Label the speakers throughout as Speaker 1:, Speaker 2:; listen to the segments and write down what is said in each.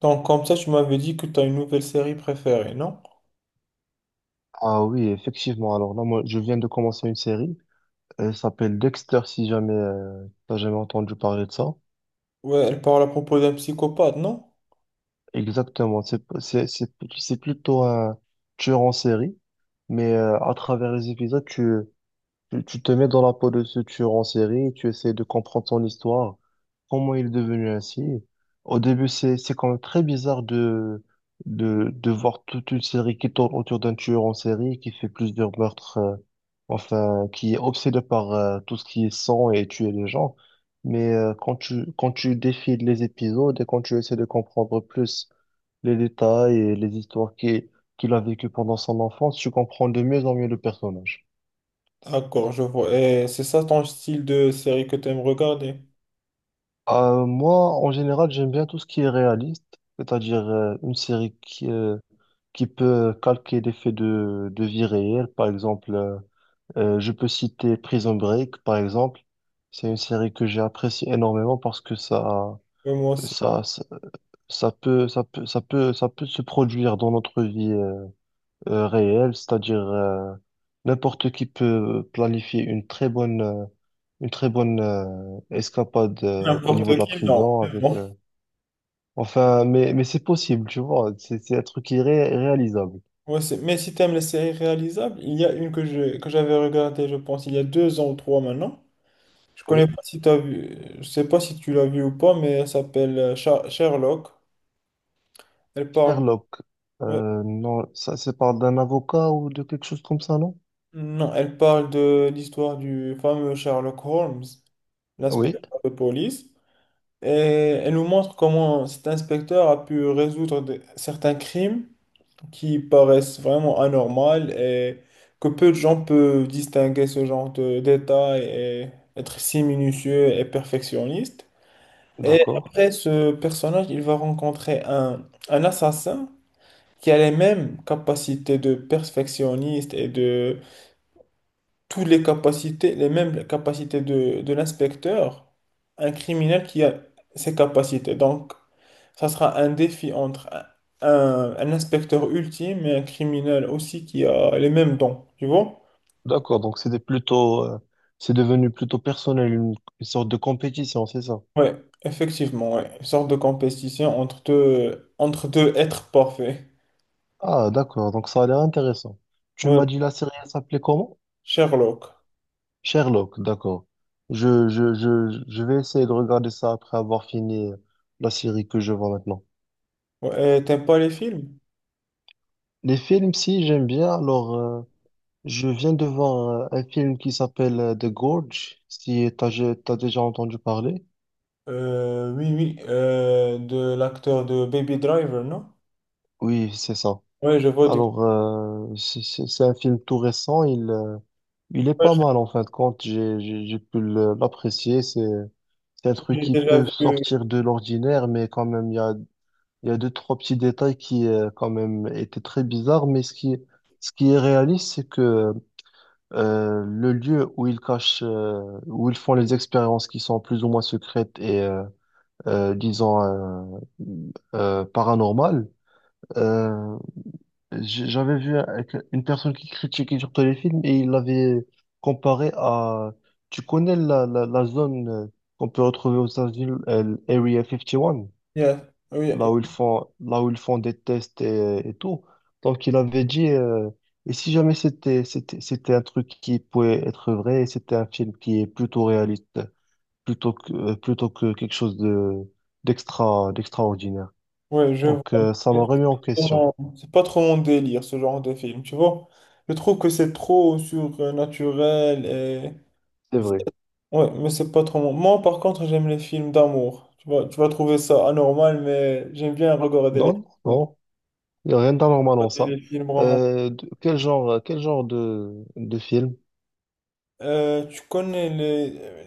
Speaker 1: Donc comme ça, tu m'avais dit que tu as une nouvelle série préférée, non?
Speaker 2: Ah oui, effectivement. Alors là, moi, je viens de commencer une série. Elle s'appelle Dexter, si jamais t'as jamais entendu parler de ça.
Speaker 1: Ouais, elle parle à propos d'un psychopathe, non?
Speaker 2: Exactement. C'est plutôt un tueur en série, mais à travers les épisodes, tu te mets dans la peau de ce tueur en série, tu essaies de comprendre son histoire, comment il est devenu ainsi. Au début, c'est quand même très bizarre de voir toute une série qui tourne autour d'un tueur en série qui fait plusieurs meurtres, enfin, qui est obsédé par tout ce qui est sang et tuer les gens. Mais quand tu défiles les épisodes et quand tu essaies de comprendre plus les détails et les histoires qu'il a vécues pendant son enfance, tu comprends de mieux en mieux le personnage.
Speaker 1: D'accord, je vois. Et c'est ça ton style de série que tu aimes regarder?
Speaker 2: Moi, en général, j'aime bien tout ce qui est réaliste, c'est-à-dire une série qui peut calquer des faits de vie réelle. Par exemple, je peux citer Prison Break, par exemple. C'est une série que j'ai appréciée énormément parce que
Speaker 1: Ouais, moi aussi.
Speaker 2: ça, ça, ça peut, ça peut se produire dans notre vie réelle, c'est-à-dire n'importe qui peut planifier une très bonne escapade au
Speaker 1: N'importe
Speaker 2: niveau de la
Speaker 1: qui, non.
Speaker 2: prison
Speaker 1: Mais
Speaker 2: avec
Speaker 1: bon.
Speaker 2: enfin, mais c'est possible, tu vois. C'est un truc réalisable.
Speaker 1: Ouais, mais si tu aimes les séries réalisables, il y a une que que j'avais regardée, je pense, il y a 2 ans ou 3 maintenant. Je connais
Speaker 2: Oui.
Speaker 1: pas si t'as vu, je sais pas si tu l'as vu ou pas, mais elle s'appelle Sherlock. Elle parle,
Speaker 2: Sherlock,
Speaker 1: ouais,
Speaker 2: non, ça, c'est parle d'un avocat ou de quelque chose comme ça, non?
Speaker 1: non, elle parle de l'histoire du fameux Sherlock Holmes,
Speaker 2: Oui,
Speaker 1: l'inspecteur de police. Et elle nous montre comment cet inspecteur a pu résoudre certains crimes qui paraissent vraiment anormaux et que peu de gens peuvent distinguer ce genre de détails et être si minutieux et perfectionniste. Et
Speaker 2: d'accord.
Speaker 1: après, ce personnage, il va rencontrer un assassin qui a les mêmes capacités de perfectionniste et de toutes les capacités, les mêmes capacités de l'inspecteur, un criminel qui a ces capacités. Donc, ça sera un défi entre un inspecteur ultime et un criminel aussi qui a les mêmes dons, tu vois?
Speaker 2: D'accord, donc c'était c'est devenu plutôt personnel, une sorte de compétition, c'est ça?
Speaker 1: Ouais, effectivement, ouais. Une sorte de compétition entre deux êtres parfaits.
Speaker 2: Ah, d'accord, donc ça a l'air intéressant. Tu
Speaker 1: Ouais,
Speaker 2: m'as dit la série, elle s'appelait comment?
Speaker 1: Sherlock.
Speaker 2: Sherlock, d'accord. Je vais essayer de regarder ça après avoir fini la série que je vois maintenant.
Speaker 1: Ouais, et t'aimes pas les films?
Speaker 2: Les films, si, j'aime bien, alors. Je viens de voir un film qui s'appelle The Gorge, si t'as déjà entendu parler.
Speaker 1: Oui, oui, de l'acteur de Baby Driver, non?
Speaker 2: Oui, c'est ça.
Speaker 1: Ouais, je vois de.
Speaker 2: Alors, c'est un film tout récent, il est pas
Speaker 1: Ouais,
Speaker 2: mal en fin de compte, j'ai pu l'apprécier. C'est un truc
Speaker 1: j'ai
Speaker 2: qui
Speaker 1: déjà
Speaker 2: peut
Speaker 1: vu.
Speaker 2: sortir de l'ordinaire, mais quand même, il y a deux, trois petits détails qui quand même, étaient très bizarres. Mais ce qui est réaliste, c'est que le lieu où ils cachent, où ils font les expériences qui sont plus ou moins secrètes et, disons, paranormal. Euh, J'avais vu avec une personne qui critiquait surtout les films et il l'avait comparé à... Tu connais la zone qu'on peut retrouver aux États-Unis, l'Area 51,
Speaker 1: Yeah, oui,
Speaker 2: là où ils
Speaker 1: oui,
Speaker 2: font, là où ils font des tests et tout. Donc, il avait dit... Et si jamais c'était un truc qui pouvait être vrai, et c'était un film qui est plutôt réaliste, plutôt que quelque chose de d'extra d'extraordinaire.
Speaker 1: ouais, je vois.
Speaker 2: Donc, ça m'a remis en question.
Speaker 1: Exactement. C'est pas trop mon délire, ce genre de film, tu vois. Je trouve que c'est trop surnaturel et.
Speaker 2: C'est vrai.
Speaker 1: Ouais, mais c'est pas trop mon. Moi, par contre, j'aime les films d'amour. Tu vas trouver ça anormal, mais j'aime bien regarder les
Speaker 2: Non,
Speaker 1: films,
Speaker 2: non,
Speaker 1: d'amour,
Speaker 2: non. Il n'y a rien d'anormal en
Speaker 1: regarder
Speaker 2: ça.
Speaker 1: les films romantiques.
Speaker 2: Quel genre, quel genre de film?
Speaker 1: Tu connais les.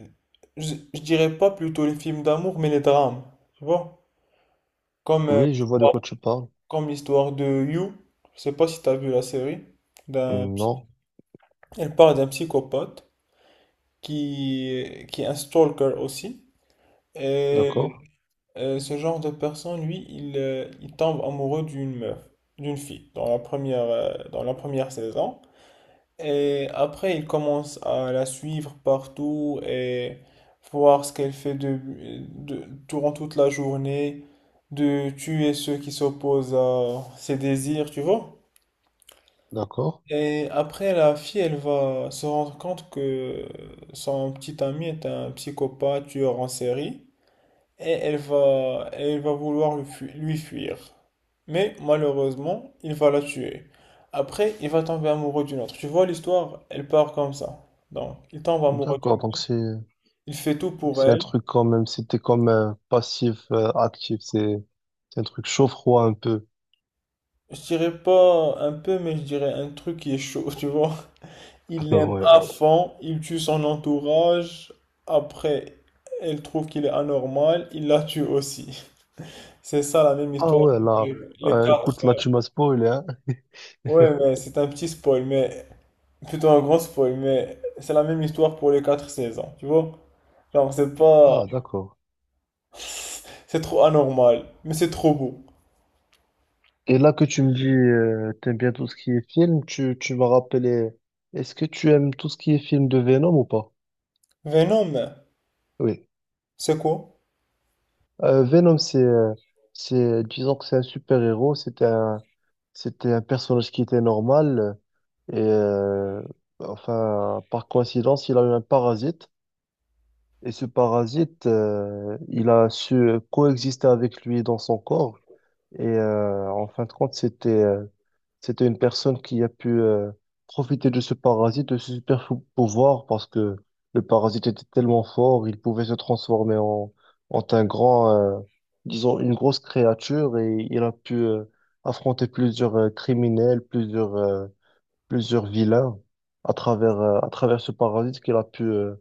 Speaker 1: Je dirais pas plutôt les films d'amour, mais les drames, tu vois. Comme, euh,
Speaker 2: Oui, je vois de quoi tu parles.
Speaker 1: comme l'histoire de You. Je sais pas si t'as vu la série. D'un
Speaker 2: Non,
Speaker 1: Elle parle d'un psychopathe qui est un stalker aussi. Et
Speaker 2: d'accord,
Speaker 1: ce genre de personne, lui, il tombe amoureux d'une meuf, d'une fille, dans la première saison. Et après, il commence à la suivre partout et voir ce qu'elle fait durant toute la journée, de tuer ceux qui s'opposent à ses désirs, tu vois?
Speaker 2: d'accord,
Speaker 1: Et après, la fille, elle va se rendre compte que son petit ami est un psychopathe tueur en série et elle va vouloir lui fuir. Mais malheureusement, il va la tuer. Après, il va tomber amoureux d'une autre. Tu vois, l'histoire, elle part comme ça. Donc, il tombe amoureux d'une
Speaker 2: d'accord. Donc,
Speaker 1: autre. Il fait tout pour
Speaker 2: c'est un
Speaker 1: elle.
Speaker 2: truc quand même, c'était comme passif, actif. C'est un truc chaud-froid un peu.
Speaker 1: Je dirais pas un peu, mais je dirais un truc qui est chaud, tu vois. Il l'aime
Speaker 2: Ouais.
Speaker 1: à fond, il tue son entourage. Après, elle trouve qu'il est anormal, il la tue aussi. C'est ça la même
Speaker 2: Ah
Speaker 1: histoire
Speaker 2: ouais,
Speaker 1: pour
Speaker 2: là,
Speaker 1: les 4.
Speaker 2: écoute, là, tu m'as spoilé, hein.
Speaker 1: Ouais, mais c'est un petit spoil, mais plutôt un grand spoil, mais c'est la même histoire pour les 4 saisons, tu vois? Genre, c'est pas.
Speaker 2: Ah, d'accord.
Speaker 1: C'est trop anormal, mais c'est trop beau.
Speaker 2: Et là que tu me dis, t'aimes bien tout ce qui est film, tu m'as rappelé, est-ce que tu aimes tout ce qui est film de Venom ou pas?
Speaker 1: Venom,
Speaker 2: Oui.
Speaker 1: c'est quoi?
Speaker 2: Venom, c'est, disons que c'est un super-héros, c'était un personnage qui était normal, et enfin, par coïncidence, il a eu un parasite, et ce parasite, il a su coexister avec lui dans son corps. Et en fin de compte, c'était une personne qui a pu profiter de ce parasite, de ce pouvoir, parce que le parasite était tellement fort, il pouvait se transformer en un grand, disons, une grosse créature, et il a pu affronter plusieurs criminels, plusieurs vilains à travers ce parasite qu'il a pu,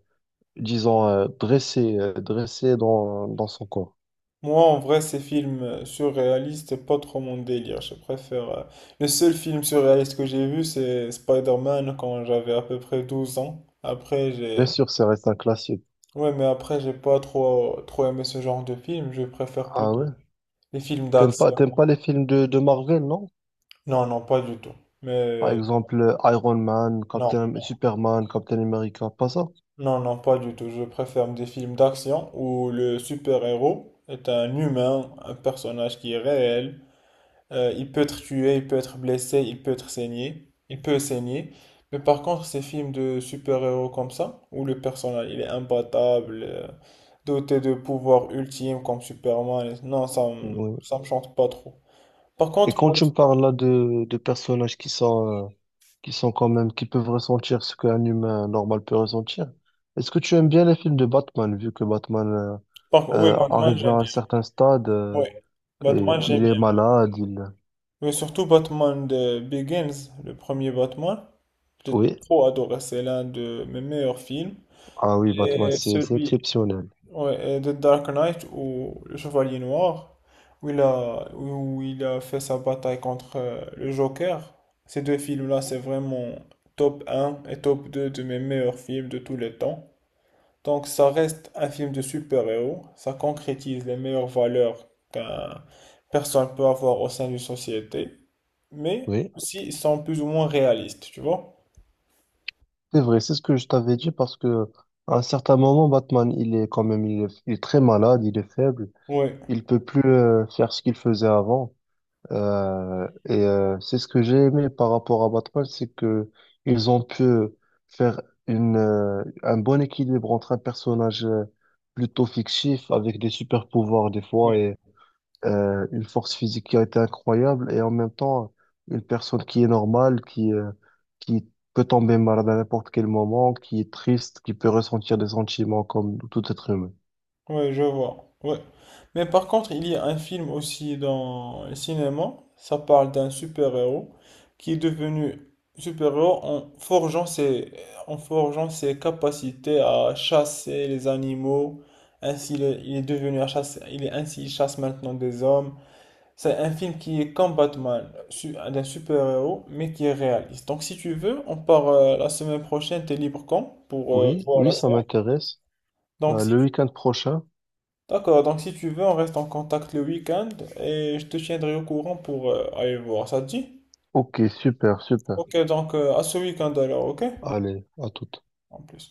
Speaker 2: disons, dressé, dressé dans son corps.
Speaker 1: Moi, en vrai, ces films surréalistes, c'est pas trop mon délire. Je préfère. Le seul film surréaliste que j'ai vu, c'est Spider-Man quand j'avais à peu près 12 ans. Après,
Speaker 2: Bien
Speaker 1: j'ai.
Speaker 2: sûr, ça reste un classique.
Speaker 1: Ouais, mais après, j'ai pas trop, trop aimé ce genre de film. Je préfère
Speaker 2: Ah
Speaker 1: plutôt
Speaker 2: ouais?
Speaker 1: les films d'action.
Speaker 2: T'aimes pas les films de Marvel, non?
Speaker 1: Non, non, pas du tout.
Speaker 2: Par
Speaker 1: Mais.
Speaker 2: exemple, Iron Man,
Speaker 1: Non,
Speaker 2: Captain, Superman, Captain America, pas ça?
Speaker 1: non, non, pas du tout. Je préfère des films d'action où le super-héros est un humain, un personnage qui est réel. Il peut être tué, il peut être blessé, il peut être saigné, il peut saigner. Mais par contre, ces films de super-héros comme ça, où le personnage il est imbattable, doté de pouvoirs ultimes comme Superman, non, ça,
Speaker 2: Oui,
Speaker 1: ça me chante pas trop. Par
Speaker 2: et
Speaker 1: contre,
Speaker 2: quand
Speaker 1: pour les-
Speaker 2: tu me parles là de personnages qui sont quand même, qui peuvent ressentir ce qu'un humain normal peut ressentir, est-ce que tu aimes bien les films de Batman, vu que Batman
Speaker 1: par- oui, Batman,
Speaker 2: arrive
Speaker 1: j'aime
Speaker 2: à
Speaker 1: bien.
Speaker 2: un certain stade,
Speaker 1: Oui,
Speaker 2: et
Speaker 1: Batman, j'aime
Speaker 2: il est
Speaker 1: bien.
Speaker 2: malade, il...
Speaker 1: Mais surtout Batman de Begins, le premier Batman, j'ai
Speaker 2: Oui,
Speaker 1: trop adoré. C'est l'un de mes meilleurs films.
Speaker 2: ah oui, Batman,
Speaker 1: Et
Speaker 2: c'est
Speaker 1: celui,
Speaker 2: exceptionnel.
Speaker 1: Ouais, et de Dark Knight ou le Chevalier Noir, où il a fait sa bataille contre le Joker. Ces deux films-là, c'est vraiment top un et top 2 de mes meilleurs films de tous les temps. Donc ça reste un film de super-héros, ça concrétise les meilleures valeurs qu'un personne peut avoir au sein d'une société, mais
Speaker 2: Oui,
Speaker 1: aussi ils sont plus ou moins réalistes, tu vois?
Speaker 2: c'est vrai, c'est ce que je t'avais dit parce que à un certain moment, Batman, il est quand même, il est très malade, il est faible,
Speaker 1: Oui.
Speaker 2: il peut plus faire ce qu'il faisait avant. C'est ce que j'ai aimé par rapport à Batman, c'est que ils ont pu faire un bon équilibre entre un personnage plutôt fictif avec des super pouvoirs des fois et une force physique qui a été incroyable et en même temps une personne qui est normale, qui peut tomber malade à n'importe quel moment, qui est triste, qui peut ressentir des sentiments comme tout être humain.
Speaker 1: Ouais, je vois. Ouais. Mais par contre, il y a un film aussi dans le cinéma. Ça parle d'un super-héros qui est devenu super-héros en forgeant ses capacités à chasser les animaux. Ainsi, il est devenu il est ainsi, il chasse maintenant des hommes. C'est un film qui est comme Batman, d'un super-héros, mais qui est réaliste. Donc, si tu veux, on part la semaine prochaine. T'es libre quand pour
Speaker 2: Oui,
Speaker 1: voir
Speaker 2: oui,
Speaker 1: la
Speaker 2: ça
Speaker 1: séance?
Speaker 2: m'intéresse.
Speaker 1: Donc,
Speaker 2: Bah, le week-end prochain.
Speaker 1: D'accord, donc si tu veux, on reste en contact le week-end et je te tiendrai au courant pour aller voir. Ça te dit?
Speaker 2: Ok, super, super.
Speaker 1: Ok, donc à ce week-end alors, ok?
Speaker 2: Allez, à tout.
Speaker 1: En plus.